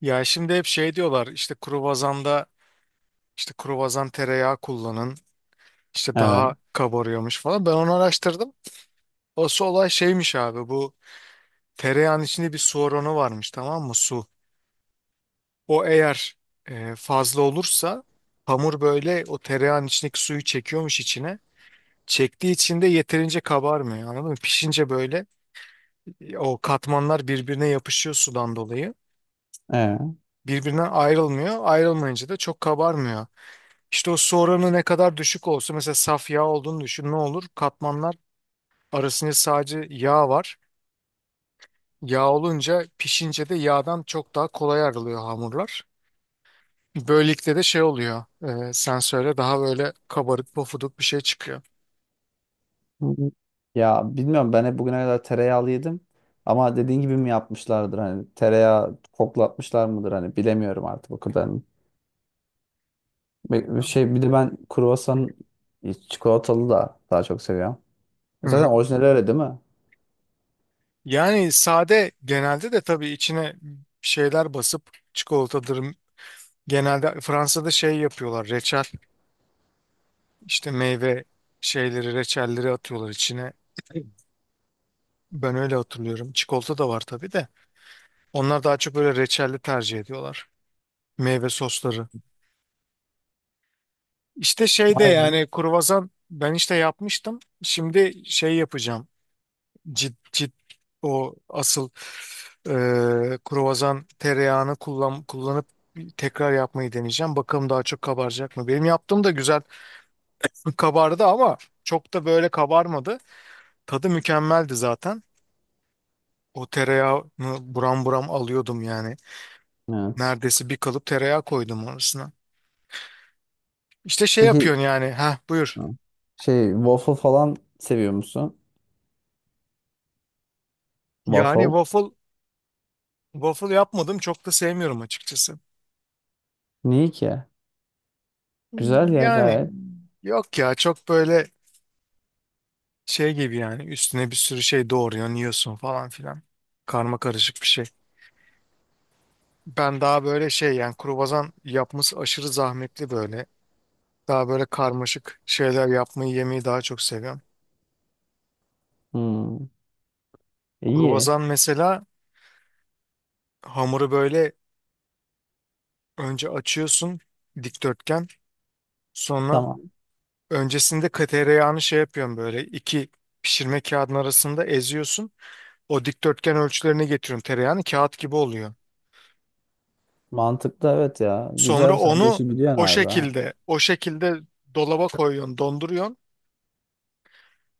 Ya şimdi hep şey diyorlar işte kruvazanda işte kruvazan tereyağı kullanın işte Evet. daha kabarıyormuş falan. Ben onu araştırdım. Asıl olay şeymiş abi bu tereyağın içinde bir su oranı varmış, tamam mı, su. O eğer fazla olursa hamur böyle o tereyağın içindeki suyu çekiyormuş içine. Çektiği için de yeterince kabarmıyor, anladın mı? Pişince böyle o katmanlar birbirine yapışıyor sudan dolayı. Ee. Birbirinden ayrılmıyor. Ayrılmayınca da çok kabarmıyor. İşte o su oranı ne kadar düşük olsa mesela, saf yağ olduğunu düşün, ne olur? Katmanlar arasında sadece yağ var. Yağ olunca pişince de yağdan çok daha kolay ayrılıyor hamurlar. Böylelikle de şey oluyor. Sen söyle, daha böyle kabarık pofuduk bir şey çıkıyor. Ya bilmiyorum, ben hep bugüne kadar tereyağlı yedim. Ama dediğin gibi mi yapmışlardır, hani tereyağı koklatmışlar mıdır, hani bilemiyorum artık o kadar. Bir Tamam. şey, bir de ben kruvasan çikolatalı da daha çok seviyorum. Hı Zaten hı. orijinali öyle değil mi? Yani sade genelde, de tabii içine şeyler basıp çikolatadır. Genelde Fransa'da şey yapıyorlar. Reçel işte, meyve şeyleri, reçelleri atıyorlar içine. Ben öyle hatırlıyorum. Çikolata da var tabii de. Onlar daha çok böyle reçelli tercih ediyorlar. Meyve sosları. İşte şey de Vay be. yani, kruvasan ben işte yapmıştım. Şimdi şey yapacağım. Cid cid o asıl e, kruvasan tereyağını kullanıp tekrar yapmayı deneyeceğim. Bakalım daha çok kabaracak mı? Benim yaptığım da güzel kabardı ama çok da böyle kabarmadı. Tadı mükemmeldi zaten. O tereyağını buram buram alıyordum yani. Evet. Neredeyse bir kalıp tereyağı koydum arasına. İşte şey Peki yapıyorsun yani. Ha, buyur. şey, waffle falan seviyor musun? Yani Waffle. waffle yapmadım, çok da sevmiyorum açıkçası. Niye ki? Güzel ya Yani gayet. yok ya, çok böyle şey gibi yani, üstüne bir sürü şey doğruyorsun, yiyorsun falan filan. Karma karışık bir şey. Ben daha böyle şey yani, kruvasan yapması aşırı zahmetli böyle. Daha böyle karmaşık şeyler yapmayı, yemeyi daha çok seviyorum. Hmm. İyi. Kruvasan mesela, hamuru böyle önce açıyorsun, dikdörtgen. Sonra Tamam. Öncesinde tereyağını şey yapıyorsun, böyle iki pişirme kağıdının arasında eziyorsun. O dikdörtgen ölçülerine getiriyorsun, tereyağını kağıt gibi oluyor. Mantıklı evet ya. Sonra Güzel, sen bu onu işi biliyorsun o abi. şekilde o şekilde dolaba koyuyorsun, donduruyorsun.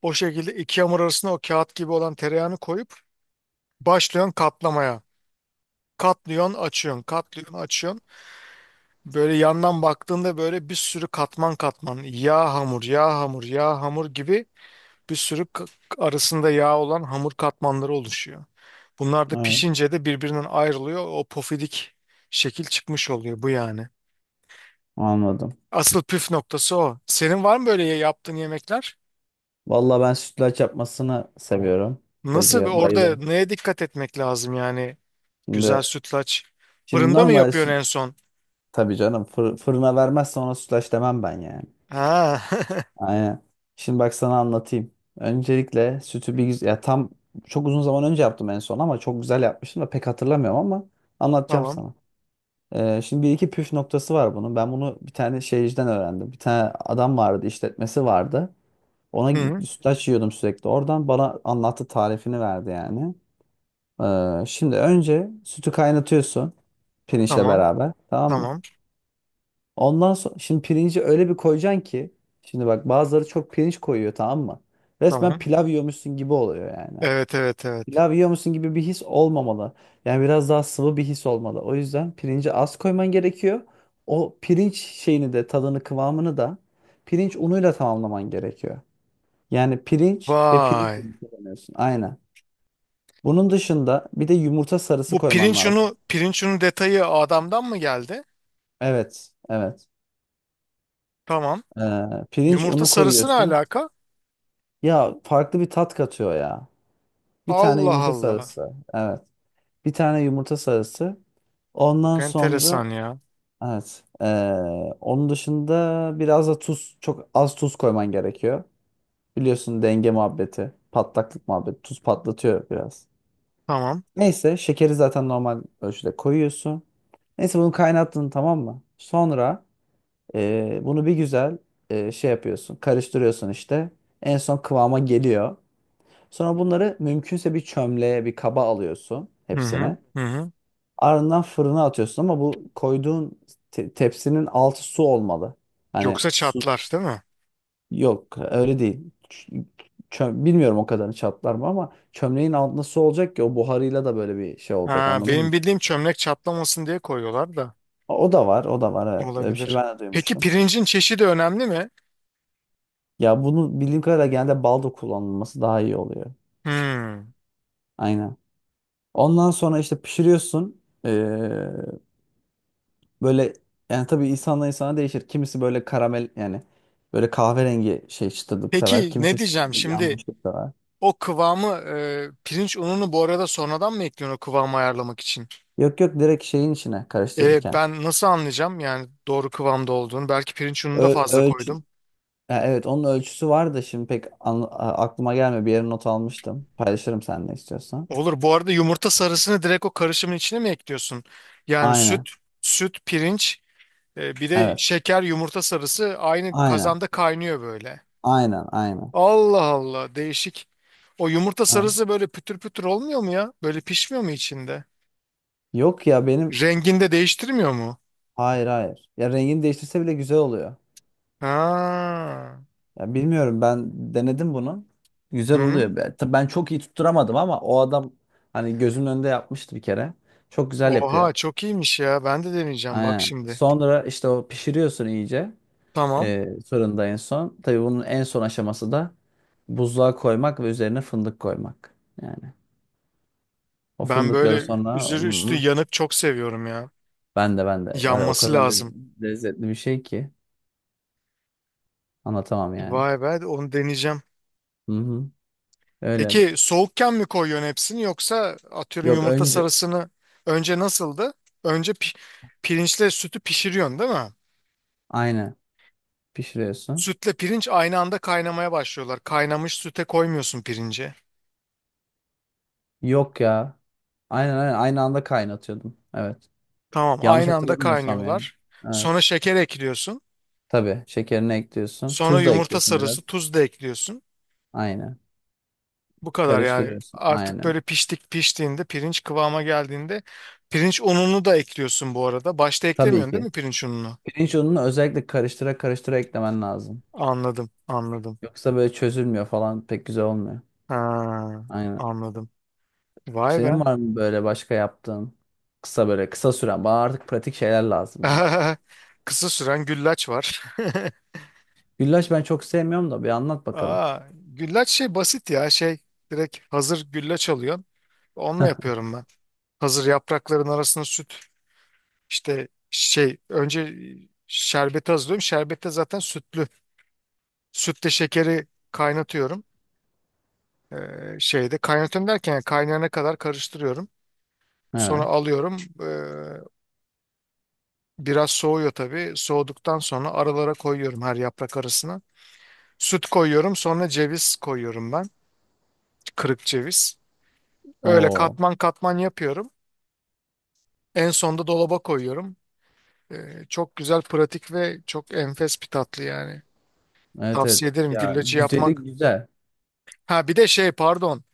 O şekilde iki hamur arasına o kağıt gibi olan tereyağını koyup başlıyorsun katlamaya. Katlıyorsun, açıyorsun, katlıyorsun, açıyorsun. Böyle yandan baktığında böyle bir sürü katman katman yağ hamur, yağ hamur, yağ hamur gibi bir sürü arasında yağ olan hamur katmanları oluşuyor. Bunlar da Ha. pişince de birbirinden ayrılıyor. O pofidik şekil çıkmış oluyor bu yani. Anladım. Asıl püf noktası o. Senin var mı böyle yaptığın yemekler? Vallahi ben sütlaç yapmasını seviyorum. Nasıl Sütlacı orada bayılırım. neye dikkat etmek lazım yani? Güzel Şimdi sütlaç. şimdi Fırında mı normal yapıyorsun süt, en son? tabii canım, fır- fırına vermezsen ona sütlaç demem ben yani. Ha. Aynen. Şimdi bak sana anlatayım. Öncelikle sütü bir güzel ya, tam çok uzun zaman önce yaptım en son, ama çok güzel yapmıştım da pek hatırlamıyorum, ama anlatacağım Tamam. sana. Şimdi bir iki püf noktası var bunun. Ben bunu bir tane şeyciden öğrendim. Bir tane adam vardı, işletmesi vardı. Ona Hı, git- sütlaç yiyordum sürekli. Oradan bana anlattı, tarifini verdi yani. Şimdi önce sütü kaynatıyorsun, pirinçle tamam. beraber, tamam mı? Tamam. Ondan sonra, şimdi pirinci öyle bir koyacaksın ki, şimdi bak, bazıları çok pirinç koyuyor, tamam mı? Resmen Tamam. pilav yiyormuşsun gibi oluyor yani. Evet, evet, evet. Pilav yiyormuşsun gibi bir his olmamalı. Yani biraz daha sıvı bir his olmalı. O yüzden pirinci az koyman gerekiyor. O pirinç şeyini de, tadını kıvamını da, pirinç unuyla tamamlaman gerekiyor. Yani pirinç ve pirinç Vay. unu kullanıyorsun. Aynen. Bunun dışında bir de yumurta sarısı Bu koyman pirinç lazım. unu, pirinç unu detayı adamdan mı geldi? Evet, evet. Tamam. Pirinç Yumurta unu sarısı ne koyuyorsun. alaka? Ya farklı bir tat katıyor ya. Bir tane Allah yumurta Allah. sarısı. Evet. Bir tane yumurta sarısı. Çok Ondan sonra enteresan ya. evet. Onun dışında biraz da tuz. Çok az tuz koyman gerekiyor. Biliyorsun, denge muhabbeti. Patlaklık muhabbeti. Tuz patlatıyor biraz. Tamam. Neyse, şekeri zaten normal ölçüde koyuyorsun. Neyse, bunu kaynattın, tamam mı? Sonra bunu bir güzel, şey yapıyorsun, karıştırıyorsun işte. En son kıvama geliyor. Sonra bunları mümkünse bir çömleğe, bir kaba alıyorsun Hı hı. hepsini. Hı hı. Ardından fırına atıyorsun, ama bu koyduğun te- tepsinin altı su olmalı. Hani Yoksa su çatlar değil mi? yok, öyle değil. Ç- çö- bilmiyorum o kadarını, çatlar mı, ama çömleğin altında su olacak ki o buharıyla da böyle bir şey olacak, Ha, anladın mı? benim bildiğim çömlek çatlamasın diye koyuyorlar da. O da var, o da var, evet. Öyle bir şey Olabilir. ben de Peki, duymuştum. pirincin çeşidi önemli mi? Ya bunu bildiğim kadarıyla genelde balda kullanılması daha iyi oluyor. Hmm. Aynen. Ondan sonra işte pişiriyorsun. Böyle yani, tabii insanla insana değişir. Kimisi böyle karamel yani, böyle kahverengi şey, çıtırlık sever. Peki ne Kimisi diyeceğim şimdi? yanmışlık sever. O kıvamı pirinç ununu bu arada sonradan mı ekliyorsun, o kıvamı ayarlamak için? Yok yok, direkt şeyin içine E, karıştırırken. ben nasıl anlayacağım yani doğru kıvamda olduğunu? Belki pirinç ununu da Ö- fazla ölçü. koydum. Ha, evet, onun ölçüsü var da şimdi pek an- a- aklıma gelmiyor. Bir yere not almıştım. Paylaşırım seninle istiyorsan. Olur. Bu arada, yumurta sarısını direkt o karışımın içine mi ekliyorsun? Yani Aynen. süt, pirinç, bir de Evet. şeker, yumurta sarısı aynı Aynen. kazanda kaynıyor böyle. Aynen. Aynen. Allah Allah, değişik. O yumurta Ha. sarısı böyle pütür pütür olmuyor mu ya? Böyle pişmiyor mu içinde? Yok ya, benim Rengini de değiştirmiyor mu? hayır hayır. Ya rengini değiştirse bile güzel oluyor. Ha. Ya bilmiyorum, ben denedim bunu. Güzel Hı. oluyor. Ben tabii çok iyi tutturamadım, ama o adam hani gözümün önünde yapmıştı bir kere. Çok güzel yapıyor. Oha, çok iyiymiş ya. Ben de deneyeceğim bak Aynen. şimdi. Sonra işte o pişiriyorsun iyice, Tamam. Fırında en son. Tabii bunun en son aşaması da buzluğa koymak ve üzerine fındık koymak. Yani o Ben fındıkları böyle sonra. üzeri üstü Hı-hı. yanık çok seviyorum ya. Ben de var ya, o Yanması kadar le- lazım. lezzetli bir şey ki anlatamam yani. Vay be, onu deneyeceğim. Hı hı. Öyle. Peki, soğukken mi koyuyorsun hepsini, yoksa atıyorum Yok, yumurta önce sarısını önce nasıldı? Önce pirinçle sütü pişiriyorsun değil mi? aynı pişiriyorsun. Sütle pirinç aynı anda kaynamaya başlıyorlar. Kaynamış süte koymuyorsun pirinci. Yok ya. Aynen aynen, aynı anda kaynatıyordum. Evet. Tamam, Yanlış aynı anda hatırlamıyorsam yani. kaynıyorlar. Evet. Sonra şeker ekliyorsun. Tabii şekerini ekliyorsun. Sonra Tuz da yumurta ekliyorsun biraz. sarısı, tuz da ekliyorsun. Aynen. Bu kadar yani. Karıştırıyorsun. Artık Aynen. böyle piştiğinde, pirinç kıvama geldiğinde pirinç ununu da ekliyorsun bu arada. Başta Tabii eklemiyorsun değil ki. mi pirinç ununu? Pirinç ununu özellikle karıştıra karıştıra eklemen lazım. Anladım, anladım. Yoksa böyle çözülmüyor falan, pek güzel olmuyor. Ha, Aynen. anladım. Vay be. Senin var mı böyle başka yaptığın, böyle kısa süren? Bana artık pratik şeyler lazım ya. Kısa süren güllaç var. Güllaç ben çok sevmiyorum da, bir anlat bakalım. Aa, güllaç şey basit ya, şey, direkt hazır güllaç alıyorsun. Onunla yapıyorum ben. Hazır yaprakların arasına süt, işte şey, önce şerbeti hazırlıyorum. Şerbette zaten sütlü. Sütle şekeri kaynatıyorum. Ee, şeyde kaynatıyorum derken yani, kaynayana kadar karıştırıyorum. Sonra Evet. alıyorum. Biraz soğuyor tabii. Soğuduktan sonra aralara koyuyorum, her yaprak arasına. Süt koyuyorum, sonra ceviz koyuyorum ben. Kırık ceviz. Öyle Oo. katman katman yapıyorum. En sonda dolaba koyuyorum. Çok güzel, pratik ve çok enfes bir tatlı yani. Evet evet. Tavsiye ederim Ya gülleci güzeli yapmak. güzel. Ha, bir de şey, pardon.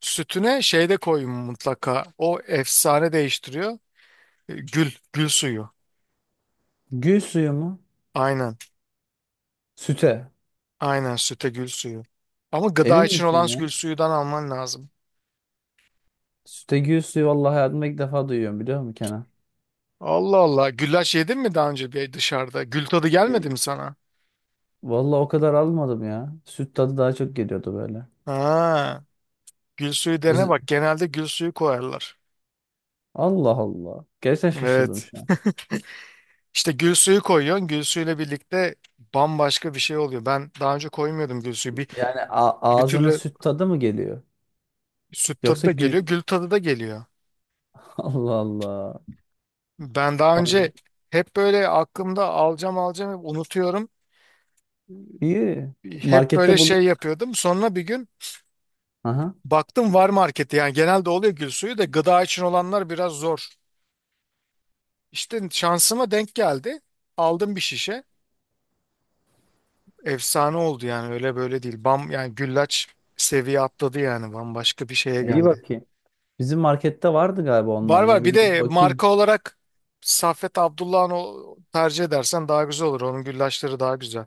Sütüne şey de koyun mutlaka. O efsane değiştiriyor. Gül suyu. Gül suyu mu? Aynen. Süte. Aynen, süte gül suyu. Ama gıda Emin için misin olan ya? gül suyudan alman lazım. Süte gül suyu, vallahi hayatımda ilk defa duyuyorum, biliyor musun Kenan? Allah Allah. Güllaç yedin mi daha önce bir dışarıda? Gül tadı gelmedi E, mi sana? Vallahi o kadar almadım ya. Süt tadı daha çok geliyordu böyle. Ha. Gül suyu dene Öz- bak. Genelde gül suyu koyarlar. Allah Allah. Gerçekten şaşırdım Evet. şu an. İşte gül suyu koyuyorsun. Gül suyuyla birlikte bambaşka bir şey oluyor. Ben daha önce koymuyordum gül suyu. Bir, Yani a- bir ağzına türlü süt tadı mı geliyor? süt tadı Yoksa da gül... geliyor, gül tadı da geliyor. Allah Allah. Ben daha Vay. önce hep böyle aklımda, alacağım alacağım, hep unutuyorum. İyi. Hep böyle Markette bulunuyor. şey yapıyordum. Sonra bir gün Aha. baktım, var markette. Yani genelde oluyor gül suyu da, gıda için olanlar biraz zor. İşte şansıma denk geldi. Aldım bir şişe. Efsane oldu yani, öyle böyle değil. Bam, yani güllaç seviye atladı yani, bambaşka bir şeye İyi, geldi. bakayım. Bizim markette vardı galiba, Var ondan ya. var, Bir bir gidip de bakayım. marka olarak Saffet Abdullah'ın o, tercih edersen daha güzel olur. Onun güllaçları daha güzel.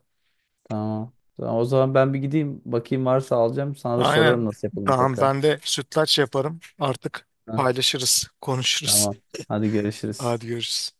Tamam. Tamam, o zaman ben bir gideyim. Bakayım, varsa alacağım. Sana da sorarım, Aynen. nasıl yapalım Tamam, tekrar. ben de sütlaç yaparım. Artık Hah. paylaşırız, konuşuruz. Tamam. Hadi görüşürüz. Hadi görüşürüz.